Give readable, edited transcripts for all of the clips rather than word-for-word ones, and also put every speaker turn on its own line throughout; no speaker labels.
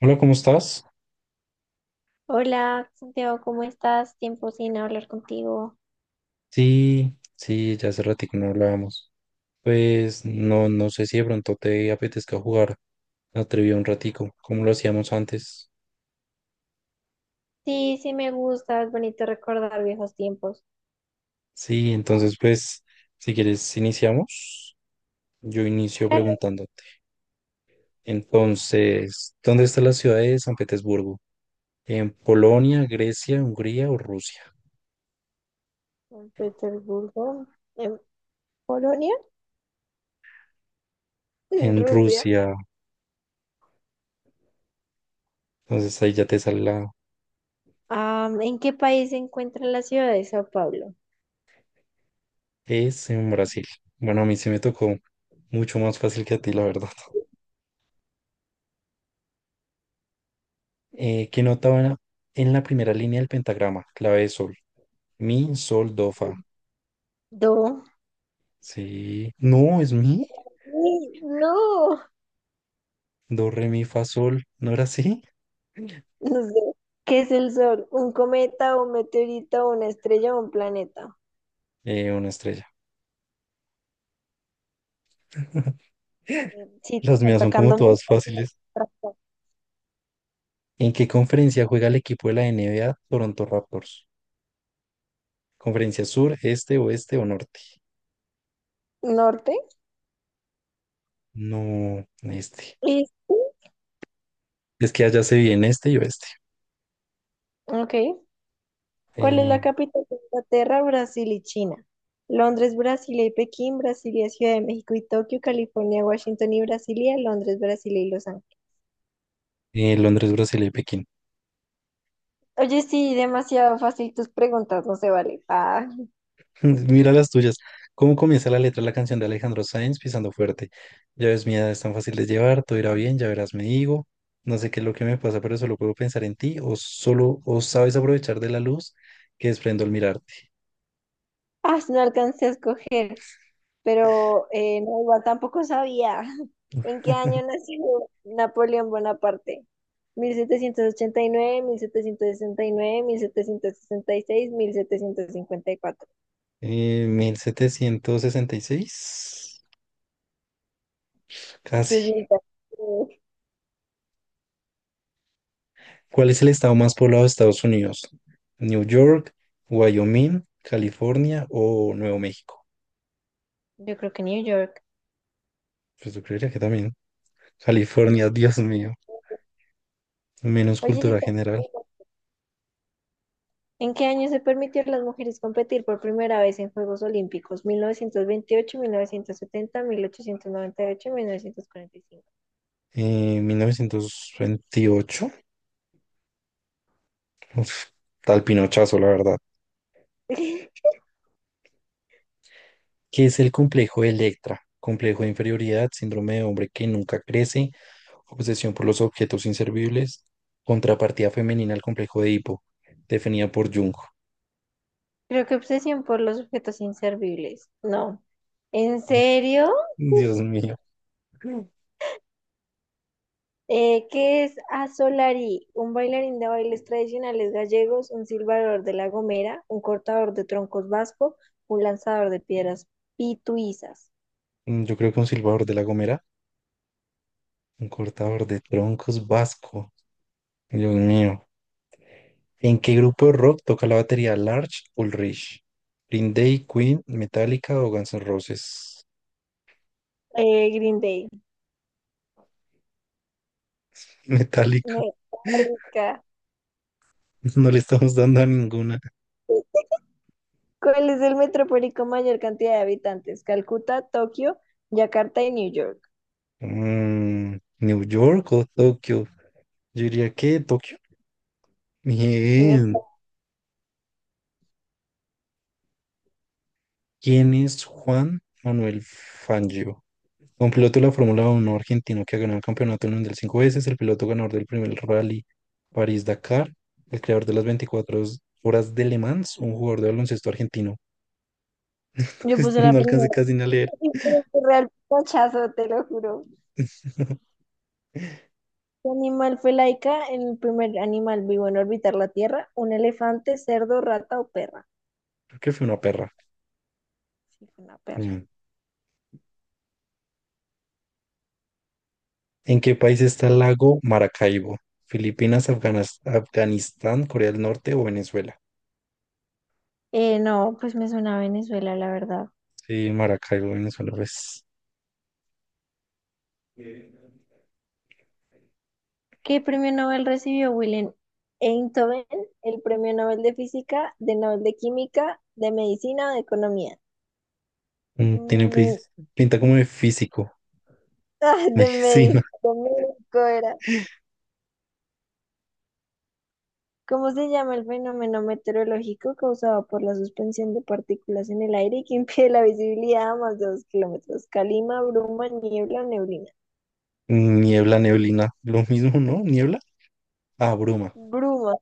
Hola, ¿cómo estás?
Hola, Santiago, ¿cómo estás? Tiempo sin hablar contigo.
Sí, sí, ya hace ratito no hablábamos. Pues no, no sé si de pronto te apetezca jugar la trivia un ratico, como lo hacíamos antes.
Sí, sí me gusta, es bonito recordar viejos tiempos.
Sí, entonces pues, si quieres iniciamos. Yo inicio
Claro,
preguntándote. Entonces, ¿dónde está la ciudad de San Petersburgo? ¿En Polonia, Grecia, Hungría o Rusia?
en Petersburgo, en Polonia, en
En
Rusia.
Rusia. Entonces ahí ya te sale la
Ah, ¿en qué país se encuentra la ciudad de Sao Paulo?
es en Brasil. Bueno, a mí se me tocó mucho más fácil que a ti, la verdad. ¿Qué nota va en la primera línea del pentagrama? Clave de sol. Mi, sol, do, fa.
Do.
Sí. No, es mi.
Sí, no,
Do, re, mi, fa, sol. ¿No era así?
no sé. ¿Qué es el sol? ¿Un cometa, un meteorito, una estrella o un planeta?
Una estrella.
Sí, te
Las
están
mías son como
tocando mucho.
todas fáciles. ¿En qué conferencia juega el equipo de la NBA Toronto Raptors? ¿Conferencia sur, este, oeste o norte?
Norte.
No, este.
Este,
Es que allá se viene este y oeste.
Ok. ¿Cuál es la
Eh,
capital de Inglaterra, Brasil y China? Londres, Brasilia y Pekín, Brasilia, Ciudad de México y Tokio, California, Washington y Brasilia, Londres, Brasilia y Los Ángeles.
Londres, Brasil y Pekín.
Oye, sí, demasiado fácil tus preguntas, no se vale. Ah,
Mira las tuyas. ¿Cómo comienza la letra de la canción de Alejandro Sanz pisando fuerte? Ya ves, mi edad es tan fácil de llevar, todo irá bien, ya verás, me digo. No sé qué es lo que me pasa, pero solo puedo pensar en ti, o solo, o sabes aprovechar de la luz que desprendo al mirarte.
ah, no alcancé a escoger, pero no, igual tampoco sabía. ¿En qué año nació Napoleón Bonaparte? Mil mil mil mil setecientos setecientos setecientos ochenta y nueve, nueve, sesenta sesenta y seis, mil setecientos cincuenta y cuatro.
1766, casi.
Entonces,
¿Cuál es el estado más poblado de Estados Unidos? ¿New York, Wyoming, California o Nuevo México?
yo creo que New York.
Pues yo creería que también.
No.
California, Dios mío. Menos
Oye,
cultura
está-
general.
¿en qué año se permitió a las mujeres competir por primera vez en Juegos Olímpicos? ¿1928, 1970, 1898, 1945?
En 1928, uf, tal pinochazo, la verdad. ¿Qué es el complejo de Electra? Complejo de inferioridad, síndrome de hombre que nunca crece, obsesión por los objetos inservibles, contrapartida femenina al complejo de Edipo, definida por Jung.
Creo que obsesión por los objetos inservibles. No. ¿En serio?
Dios mío.
¿Qué es Asolari? Un bailarín de bailes tradicionales gallegos, un silbador de La Gomera, un cortador de troncos vasco, un lanzador de piedras pituizas.
Yo creo que un silbador de La Gomera, un cortador de troncos vasco. Dios mío. ¿En qué grupo de rock toca la batería Large Ulrich? ¿Green Day, Queen, Metallica o Guns N' Roses?
Green Day.
Metallica.
Metálica.
No le estamos dando a ninguna.
¿Cuál es el metrópoli con mayor cantidad de habitantes? Calcuta, Tokio, Yakarta y New York.
Mm, New York o Tokio. Yo diría que Tokio.
Eh,
Bien. ¿Quién es Juan Manuel Fangio? Un piloto de la Fórmula Uno argentino que ha ganado el campeonato mundial cinco veces, el piloto ganador del primer rally París-Dakar, el creador de las 24 horas de Le Mans, un jugador de baloncesto argentino.
Yo puse la
No alcancé
primera.
casi ni a leer.
Y fue un Real pachazo, te lo juro. ¿Qué animal fue laica? El primer animal vivo en orbitar la Tierra. ¿Un elefante, cerdo, rata o perra?
Creo que fue una perra.
Sí, fue una perra.
Mm. ¿En qué país está el lago Maracaibo? ¿Filipinas, Afganas- Afganistán, Corea del Norte o Venezuela?
No, pues me suena a Venezuela, la verdad.
Sí, Maracaibo, Venezuela, pues.
¿Qué premio Nobel recibió Willem Einthoven? ¿El premio Nobel de Física, de Nobel de Química, de Medicina o de Economía?
Tiene
Mm,
pinta como de físico.
ah,
Sí, ¿no?
De México era. ¿Cómo se llama el fenómeno meteorológico causado por la suspensión de partículas en el aire y que impide la visibilidad a más de 2 kilómetros? Calima, bruma, niebla, neblina.
Niebla, neblina. Lo mismo, ¿no? Niebla. Ah, bruma.
Bruma,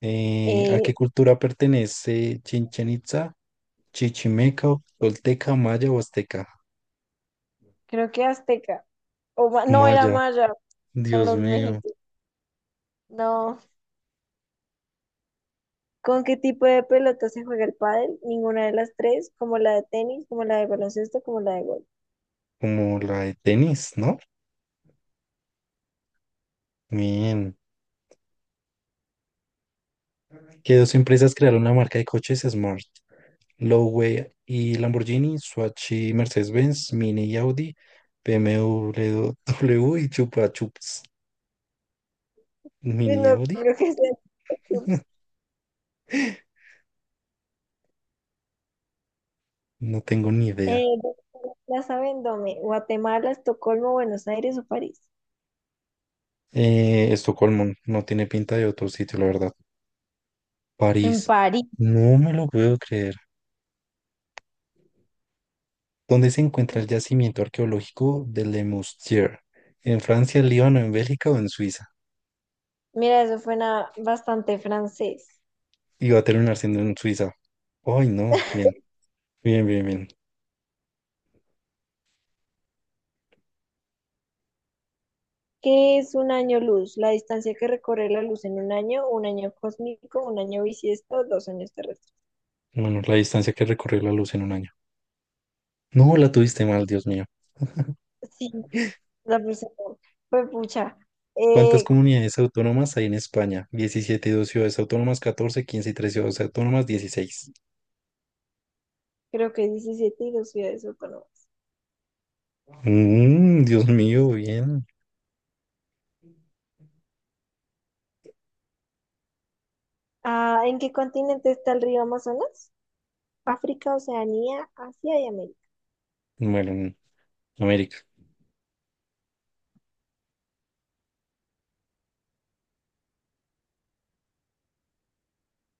¿A
eh,
qué cultura pertenece Chichen Itza? ¿Chichimeca, Tolteca, Maya o Azteca?
creo que azteca. No, era
Maya,
maya, eran
Dios
los
mío.
mexicanos. No. ¿Con qué tipo de pelota se juega el pádel? Ninguna de las tres, como la de tenis, como la de baloncesto, como la de golf.
Como la de tenis, ¿no? Bien. ¿Qué dos empresas crearon la marca de coches Smart? Lowway y Lamborghini, Swatch y Mercedes-Benz, Mini y Audi, BMW W W y Chupa Chups,
Yo
Mini y
no
Audi.
creo que sea
No tengo ni idea.
Eh, Plaza Vendôme, Guatemala, Estocolmo, Buenos Aires o París.
Estocolmo no tiene pinta de otro sitio, la verdad.
En
París,
París.
no me lo puedo creer. ¿Dónde se encuentra el yacimiento arqueológico de Le Moustier? ¿En Francia, Líbano, en Bélgica o en Suiza?
Mira, eso suena bastante francés.
Y va a terminar siendo en Suiza. Ay, no, bien, bien, bien, bien.
¿Qué es un año luz? La distancia que recorre la luz en un año cósmico, un año bisiesto, 2 años terrestres.
Bueno, la distancia que recorrió la luz en un año. No, la tuviste mal, Dios mío.
Sí, la persona fue pucha.
¿Cuántas
Eh,
comunidades autónomas hay en España? 17 y dos ciudades autónomas, 14, 15 y tres ciudades autónomas, 16.
creo que 17 y dos ciudades autónomas.
Mm, Dios mío, bien.
Ah, ¿en qué continente está el río Amazonas? África, Oceanía, Asia y América.
Bueno, en América.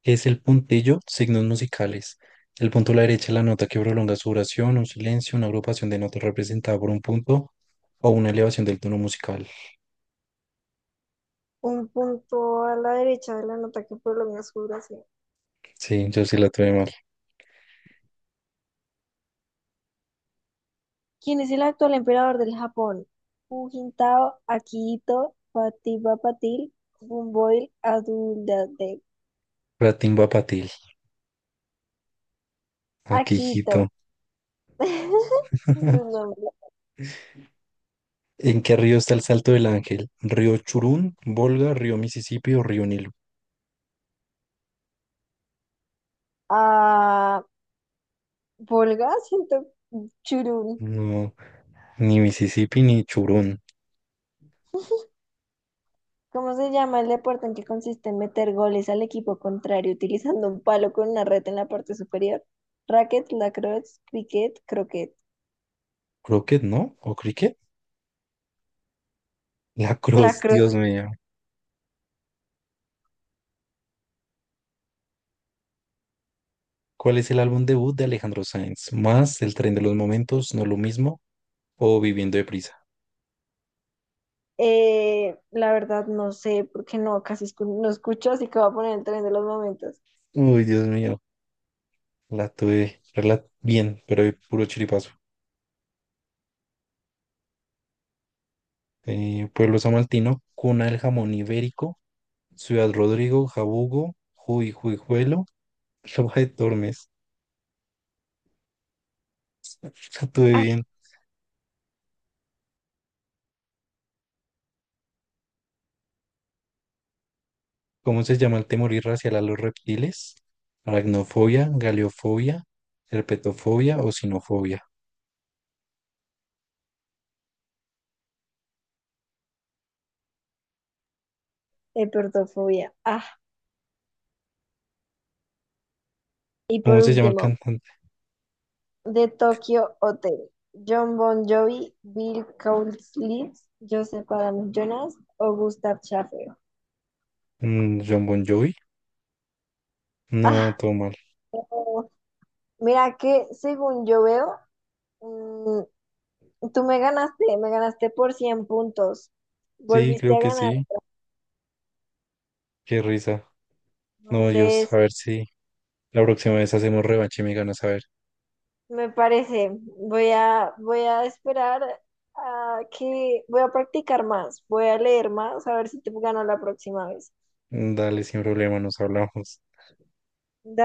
¿Qué es el puntillo? Signos musicales. El punto a la derecha es la nota que prolonga su oración, un silencio, una agrupación de notas representada por un punto o una elevación del tono musical.
Un punto a la derecha de la nota que por lo menos juro.
Sí, yo sí la tuve mal.
¿Quién es el actual emperador del Japón? Jujintao, Akihito, Patipa Patil, Bumboil, Adulade.
Ratín Patil. Aquí,
Akihito.
hijito.
Es su nombre.
¿En qué río está el Salto del Ángel? ¿Río Churún, Volga, río Mississippi o río Nilo?
Ah, Volga, siento churún.
No, ni Mississippi ni Churún.
¿Cómo se llama el deporte en que consiste en meter goles al equipo contrario utilizando un palo con una red en la parte superior? Racket, lacrosse, cricket, croquet.
Crockett, ¿no? ¿O Cricket? La Cruz,
Lacrosse.
Dios mío. ¿Cuál es el álbum debut de Alejandro Sanz? ¿Más? ¿El tren de los momentos? ¿No lo mismo o Viviendo deprisa?
La verdad no sé, porque no, casi no escucho, así que voy a poner el tren de los momentos.
Uy, Dios mío, la tuve bien, pero de puro chiripazo. Pueblo Samaltino, cuna del jamón ibérico, Ciudad Rodrigo, Jabugo, Juy, Juijuelo, Roja de Tormes. La tuve
Ah,
bien. ¿Cómo se llama el temor irracional a los reptiles? Aracnofobia, galeofobia, herpetofobia o sinofobia.
hipertrofobia. Ah, y
¿Cómo
por
se llama el
último,
cantante?
de Tokyo Hotel. John Bon Jovi, Bill Cowlitz, Joseph Adam Jonas o Gustav Schaffer.
John Bon Jovi. No,
Ah,
todo mal.
oh, mira que según yo veo, mm, tú me ganaste por 100 puntos.
Sí,
Volviste
creo
a
que
ganar.
sí. Qué risa. No, Dios, a
Entonces,
ver si la próxima vez hacemos revancha y me ganas a ver.
me parece, voy a esperar a que voy a practicar más, voy a leer más, a ver si te gano la próxima vez.
Dale, sin problema, nos hablamos.
Dale.